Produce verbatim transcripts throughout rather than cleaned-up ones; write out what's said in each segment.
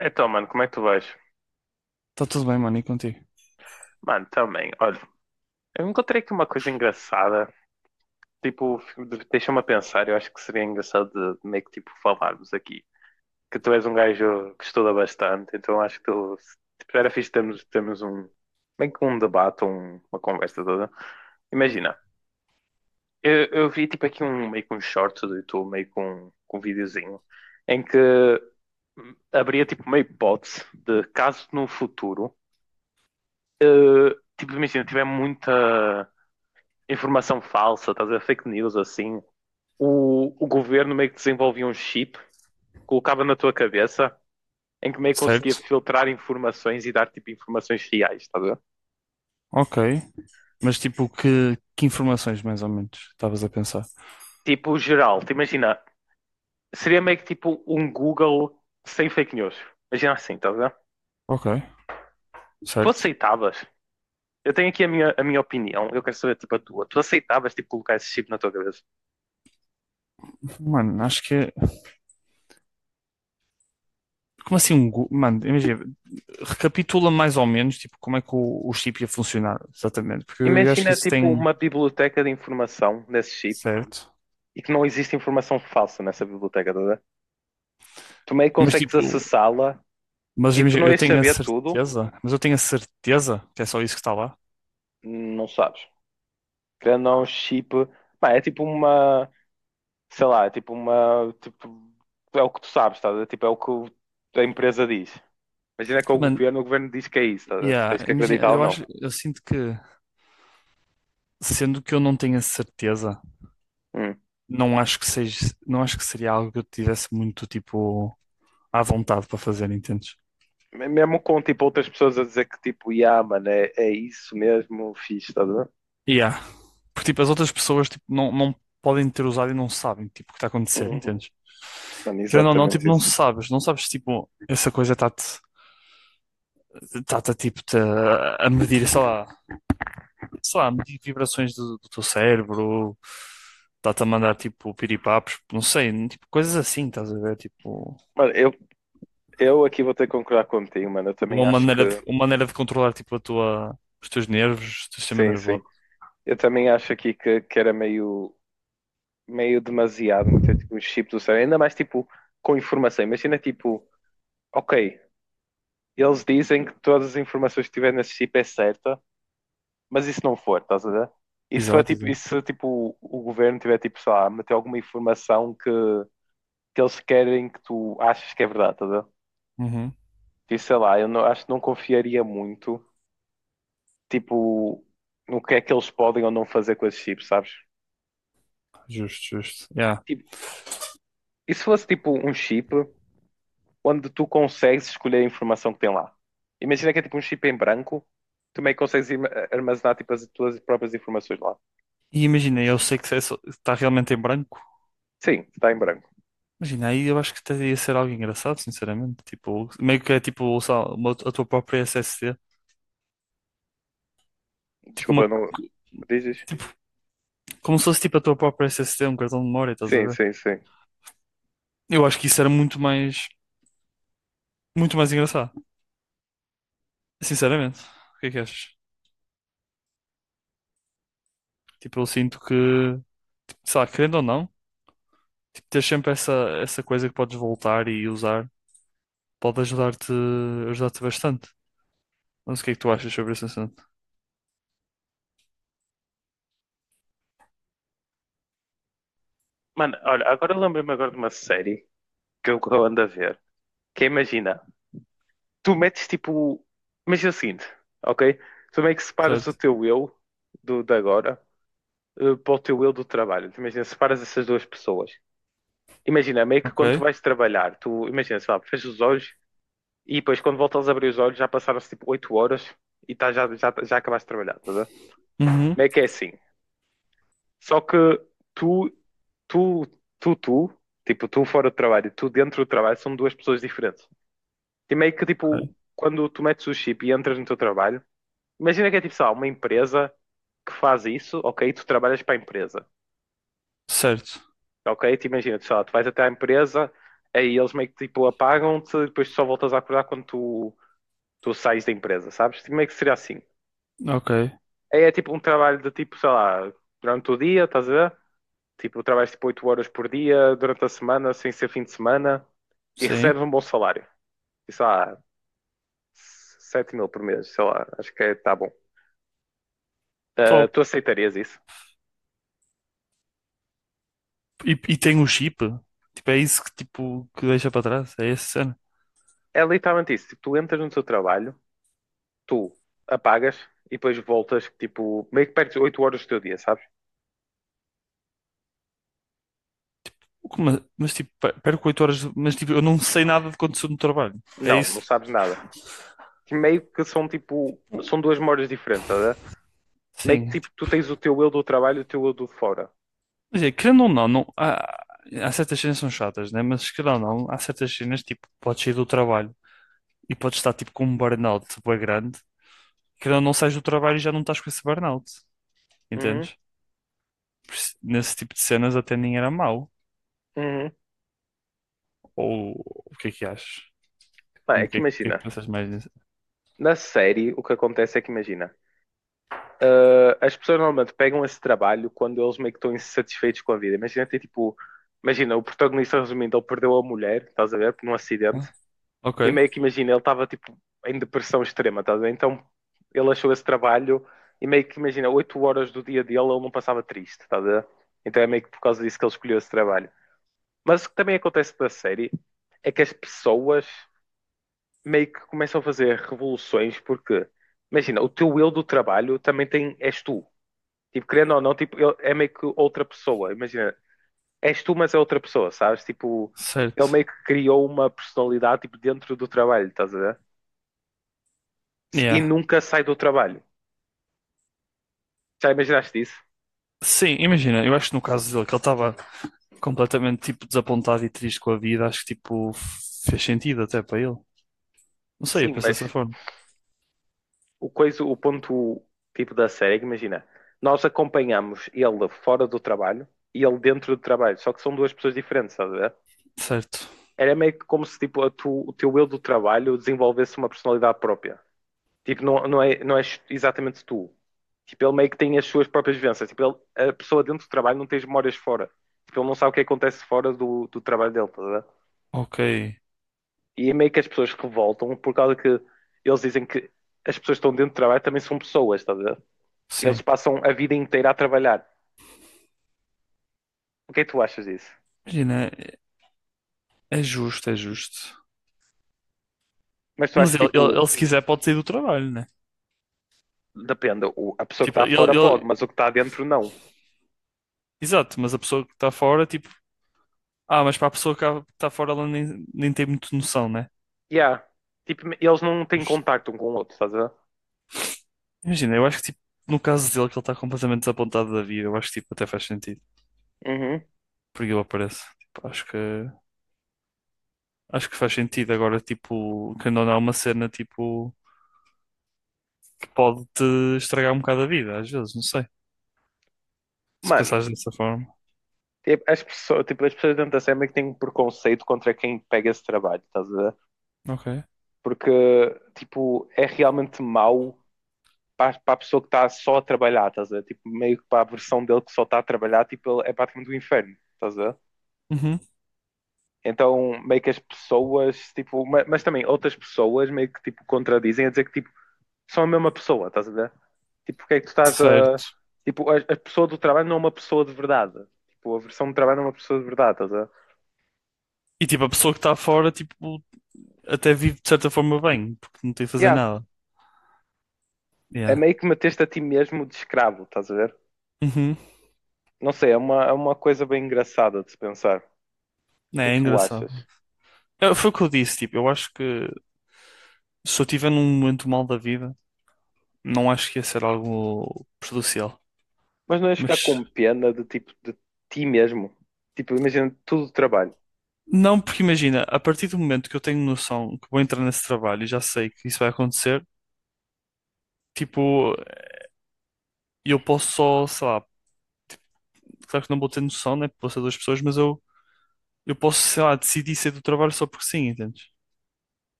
Então, mano, como é que tu vais? Está tudo bem, mano, e contigo? Mano, também. Olha, eu encontrei aqui uma coisa engraçada. Tipo, deixa-me a pensar. Eu acho que seria engraçado de meio que tipo falarmos aqui. Que tu és um gajo que estuda bastante, então acho que tu tipo, era fixe termos, termos, um meio que um debate, um- uma conversa toda. Imagina, eu, eu vi tipo aqui um meio que um short do YouTube, meio com um, com um videozinho, em que hum, abria tipo uma hipótese de caso no futuro. eh, tipo, imagina, tiver muita informação falsa, estás a ver, fake news, assim, o, o governo meio que desenvolvia um chip, colocava na tua cabeça, em que meio que conseguia Certo? filtrar informações e dar, tipo, informações reais, estás a ver? Ok. Mas tipo, que, que informações mais ou menos estavas a pensar? Tipo, geral, te imagina, seria meio que tipo um Google sem fake news. Imagina assim, estás a ver? Ok, Tu certo. aceitavas? Eu tenho aqui a minha, a minha opinião, eu quero saber, tipo, a tua. Tu aceitavas, tipo, colocar esse chip na tua cabeça? Mano, acho que é. Como assim um. go- Mano, imagina, recapitula mais ou menos tipo, como é que o, o chip ia funcionar, exatamente. Porque eu, eu acho que Imagina, isso tipo, tem. uma biblioteca de informação nesse chip Certo. e que não existe informação falsa nessa biblioteca, estás a ver? Tu meio que Mas consegues tipo. acessá-la, Mas tipo, tu imagina, não eu ias tenho a saber tudo, certeza. Mas eu tenho a certeza que é só isso que está lá. não sabes. Querendo ou não, chip, pá, é tipo uma, sei lá, é tipo uma, tipo, é o que tu sabes, estás a ver? Tipo, é o que a empresa diz. Imagina que é o Mano, governo, o governo diz que é isso, estás a ver? Tu yeah, tens que imagina, acreditar ou eu não. acho. Eu sinto que. Sendo que eu não tenho a certeza. Hum. Não acho que seja, não acho que seria algo que eu tivesse muito, tipo, à vontade para fazer, entendes? Mesmo com, tipo, outras pessoas a dizer que, tipo, yeah, mano, é, é isso mesmo, fixe, estás a ver? Yeah. Porque, tipo, as outras pessoas, tipo, não, não podem ter usado e não sabem, tipo, o que está a acontecer, Hum, entendes? Mano, Querendo ou não, tipo, exatamente não isso. sabes, não sabes, tipo, essa coisa está-te, está-te, a, tipo, te a medir, sei lá, sei lá, a medir vibrações do, do teu cérebro, está-te a mandar, tipo, piripapos, não sei, tipo, coisas assim, estás a ver, tipo, Mano, eu, eu aqui vou ter que concordar contigo, mano. Eu também uma acho maneira de, que. uma maneira de controlar, tipo, a tua, os teus nervos, o teu sistema Sim, sim. nervoso. Eu também acho aqui que, que era meio, meio demasiado meter tipo, um chip do cérebro, ainda mais tipo com informação. Imagina tipo, ok, eles dizem que todas as informações que tiver nesse chip é certa, mas isso não for, estás a ver? E se for Exato, tipo, e exato. se, tipo o governo tiver tipo, sei lá, meter alguma informação que, que eles querem que tu achas que é verdade, estás a ver? Uhum. E sei lá, eu não, acho que não confiaria muito, tipo, no que é que eles podem ou não fazer com esse chip, sabes? Justo, justo. Yeah. Tipo, e se fosse tipo um chip onde tu consegues escolher a informação que tem lá. Imagina que é tipo um chip em branco, tu meio que consegues im- armazenar tipo as tuas próprias informações lá. E imagina, eu sei que está realmente em branco. Sim, está em branco. Imagina, aí eu acho que até ia ser algo engraçado, sinceramente. Tipo, meio que é tipo só uma- a tua própria S S D. Tipo, uma, Desculpa, não dizes? tipo, como se fosse tipo a tua própria S S D um cartão de memória, estás a Sim, ver? sim, sim. Eu acho que isso era muito mais, muito mais engraçado, sinceramente. O que é que achas? Tipo, eu sinto que, sei lá, querendo ou não, tipo, ter sempre essa, essa coisa que podes voltar e usar pode ajudar-te, ajudar-te bastante. Não sei o que é que tu achas, Mano, olha, agora lembrei-me agora de uma série que eu que eu ando a ver, que é, imagina, tu metes tipo, certo? imagina o seguinte, ok? Tu meio que separas o teu eu do de agora eh, para o teu eu do trabalho. Imagina, separas essas duas pessoas. Imagina, meio que Ok. quando tu vais trabalhar, tu imagina, sei lá, fechas os olhos. E depois, quando voltas a abrir os olhos, já passaram-se tipo oito horas e tá, já, já, já acabaste de trabalhar, estás a ver? Uhum. Meio que é assim. Só que tu, tu, tu, tu, tipo, tu fora do trabalho e tu dentro do trabalho são duas pessoas diferentes. E meio que, Ok. tipo, quando tu metes o chip e entras no teu trabalho, imagina que é tipo, sei lá, uma empresa que faz isso, ok? Tu trabalhas para a empresa, Certo. ok? Tu imagina, tu, sei lá, tu vais até à empresa, aí eles meio que, tipo, apagam-te e depois tu só voltas a acordar quando tu, tu sais da empresa, sabes? Tipo, meio que seria assim. Ok. É, é tipo um trabalho de tipo, sei lá, durante o dia, estás a ver? Tipo, trabalhas tipo oito horas por dia, durante a semana, sem ser fim de semana, e Sim. recebes um bom salário. E sei lá, sete mil por mês, sei lá, acho que está bom. Ah, Top. tu aceitarias isso? E, e tem um chip? Tipo, é isso que, tipo, que deixa para trás? É essa cena? É literalmente isso. Tipo, tu entras no teu trabalho, tu apagas e depois voltas, tipo, meio que perdes oito horas do teu dia, sabes? Como- Mas, tipo, per- perco oito horas. De- Mas, tipo, eu não sei nada de que aconteceu no trabalho. É Não, isso? não sabes nada. Que meio que são tipo, são duas memórias diferentes, tá a ver? Meio que Sim. tipo, tu Tipo, tens o teu eu do trabalho e o teu eu do fora. quer dizer, querendo ou não, não há, há certas cenas que são chatas, né? Mas, querendo ou não, há certas cenas, tipo, podes sair do trabalho e podes estar, tipo, com um burnout bué grande. Querendo ou não, sais do trabalho e já não estás com esse burnout. Uhum, Entendes? Por isso, nesse tipo de cenas até nem era mau. uhum. Ou o que é que achas? Pá, é Como que que é, o que é imagina, que pensas mais nisso? na série o que acontece é que imagina, ah, as pessoas normalmente pegam esse trabalho quando eles meio que estão insatisfeitos com a vida. Imagina tem tipo, imagina, o protagonista resumindo, ele perdeu a mulher, estás a ver, num acidente, Ah, ok, e meio que imagina, ele estava tipo em depressão extrema, estás a ver? Então ele achou esse trabalho e meio que imagina, oito horas do dia dele ele não passava triste, estás a ver? Então é meio que por causa disso que ele escolheu esse trabalho. Mas o que também acontece na série é que as pessoas meio que começam a fazer revoluções porque, imagina, o teu eu do trabalho também tem, és tu. Tipo, querendo ou não, tipo, ele é meio que outra pessoa. Imagina, és tu, mas é outra pessoa, sabes? Tipo, ele meio certo. que criou uma personalidade tipo, dentro do trabalho, estás a ver? E Yeah. nunca sai do trabalho. Já imaginaste isso? Sim, imagina, eu acho que no caso dele, que ele estava completamente tipo desapontado e triste com a vida, acho que tipo fez sentido até para ele. Não sei, eu Sim, penso mas dessa forma. o coisa, o ponto tipo da série, é que imagina, nós acompanhamos ele fora do trabalho e ele dentro do trabalho, só que são duas pessoas diferentes, estás a ver? Certo. Era meio que como se tipo, a tu- o teu eu do trabalho desenvolvesse uma personalidade própria. Tipo, não, não é, não é exatamente tu. Tipo, ele meio que tem as suas próprias vivências. Tipo, ele- a pessoa dentro do trabalho não tem as memórias fora. Tipo, ele não sabe o que acontece fora do, do trabalho dele, estás a ver? Ok, E é meio que as pessoas revoltam por causa que eles dizem que as pessoas que estão dentro do trabalho também são pessoas, estás a ver? sim. Eles passam a vida inteira a trabalhar. O que é que tu achas disso? Imagina, é justo, é justo. Mas tu Mas achas ele, ele, tipo, ele, se quiser pode sair do trabalho, né? depende, o- a pessoa que Tipo, está ele, fora pode, ele... mas o que está dentro não. Exato, mas a pessoa que está fora, tipo... Ah, mas para a pessoa que está fora ela nem, nem tem muito noção, né? Yeah. Tipo, eles não têm contacto um com o outro, estás a ver? Imagina, eu acho que tipo, no caso dele que ele está completamente desapontado da vida, eu acho que tipo, até faz sentido. Uhum. Porque ele aparece. Tipo, acho que acho que faz sentido. Agora, tipo, quando não é uma cena tipo que pode te estragar um bocado a vida, às vezes, não sei. Se Mano, pensares dessa forma. tipo, as pessoas, tipo, as pessoas dentro da SEMA que têm um preconceito contra quem pega esse trabalho, estás a ver? Ok. Porque, tipo, é realmente mau para, para a pessoa que está só a trabalhar, estás a ver? Tipo, meio que para a versão dele que só está a trabalhar, tipo, ele é praticamente o inferno, estás a ver? Uhum. Então, meio que as pessoas, tipo, ma- mas também outras pessoas meio que tipo contradizem a dizer que tipo, são a mesma pessoa, estás a ver? Tipo, porque é que tu estás a. Certo. Tipo, a, a pessoa do trabalho não é uma pessoa de verdade. Tipo, a versão do trabalho não é uma pessoa de verdade, estás a ver? E tipo, a pessoa que está fora, tipo, até vive de certa forma bem, porque não tem que fazer Yeah, nada. é Yeah. meio que meteste a ti mesmo de escravo, estás a ver? Uhum. Não sei, é uma, é uma coisa bem engraçada de se pensar. O É, que é é que tu engraçado. achas? É, foi o que eu disse, tipo, eu acho que se eu estiver num momento mal da vida. Não acho que ia ser algo prejudicial. Mas não ias ficar Mas com pena de tipo de ti mesmo. Tipo, imagina tudo o trabalho. não, porque imagina, a partir do momento que eu tenho noção que vou entrar nesse trabalho e já sei que isso vai acontecer, tipo, eu posso só, sei lá, claro que não vou ter noção, né? Vou ser duas pessoas, mas eu, eu posso, sei lá, decidir sair do trabalho só porque sim, entendes?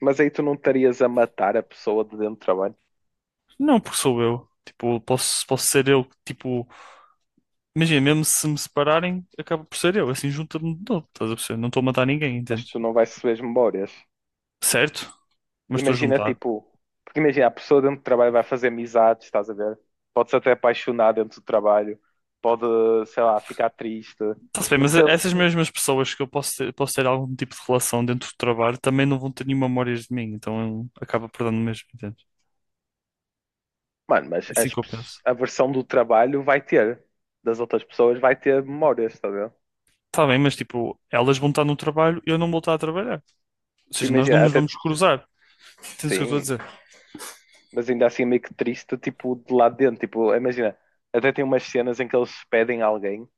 Mas aí tu não estarias a matar a pessoa de dentro do trabalho. Não porque sou eu. Tipo, posso, posso ser eu, que, tipo, imagina, mesmo se me separarem, acaba por ser eu, assim, junta-me, de novo, estás a perceber? Não estou a matar ninguém, Mas entendes? tu não vais receber as memórias. Certo, mas estou a Imagina, juntar. tipo, porque imagina, a pessoa dentro do trabalho vai fazer amizades, estás a ver? Pode-se até apaixonar dentro do trabalho, pode, sei lá, ficar triste. Está-se bem, E vai mas ser, essas mesmas pessoas que eu posso ter, posso ter algum tipo de relação dentro do trabalho também não vão ter nenhuma memórias de mim, então eu- acaba perdendo mesmo, entende? mano, É mas assim as que eu pes- penso. a versão do trabalho vai ter, das outras pessoas vai ter memórias, estás a ver? Está bem, mas tipo, elas vão estar no trabalho e eu não vou estar a trabalhar. Ou Tipo, seja, nós não imagina, nos até, vamos cruzar. Entendes o que eu estou a sim, dizer? mas ainda assim meio que triste, tipo, de lá dentro, tipo, imagina, até tem umas cenas em que eles pedem alguém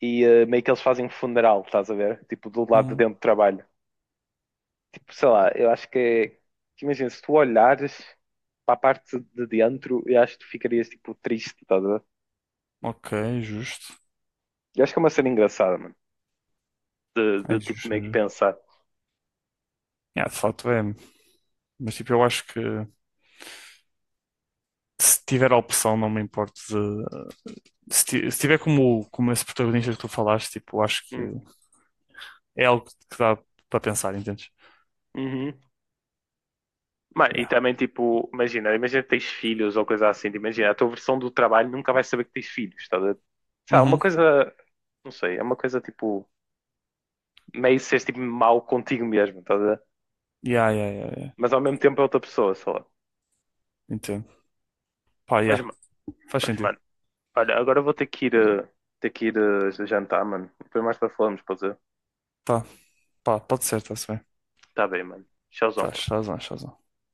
e eh, meio que eles fazem um funeral, estás a ver? Tipo, do lado de Uhum. dentro do trabalho. Sei lá, eu acho que é. Imagina, se tu olhares para a parte de dentro, eu acho que tu ficarias tipo triste, estás a ver? Ok, justo. Eu acho que é uma cena engraçada, mano. De, É de tipo justo, é meio que justo. pensar. Yeah, de facto é. Mas tipo, eu acho que se tiver a opção, não me importo de. Se ti- se tiver como, como esse protagonista que tu falaste, tipo, acho que Hum, é algo que dá para pensar, entendes? uhum. Mas, e Yeah. também tipo, imagina, imagina, que tens filhos ou coisa assim, tipo, imagina, a tua versão do trabalho nunca vais saber que tens filhos, estás a ver? Sei uma Uhum. coisa, não sei, é uma coisa tipo, meio seres tipo mau contigo mesmo, estás a ver? Yeah, yeah, yeah, yeah. Mas ao mesmo tempo é outra pessoa, sei lá. Entendo. Pá, Mas, yeah. Faz mas sentido. mano, olha, agora eu vou ter que ir, eh, ter que ir eh, jantar, mano. Depois mais para falarmos, pode ser? Tá, pá, pode ser, está-se bem. Tá bem, mano. Tchauzão. Faz, faz mais, faz mais.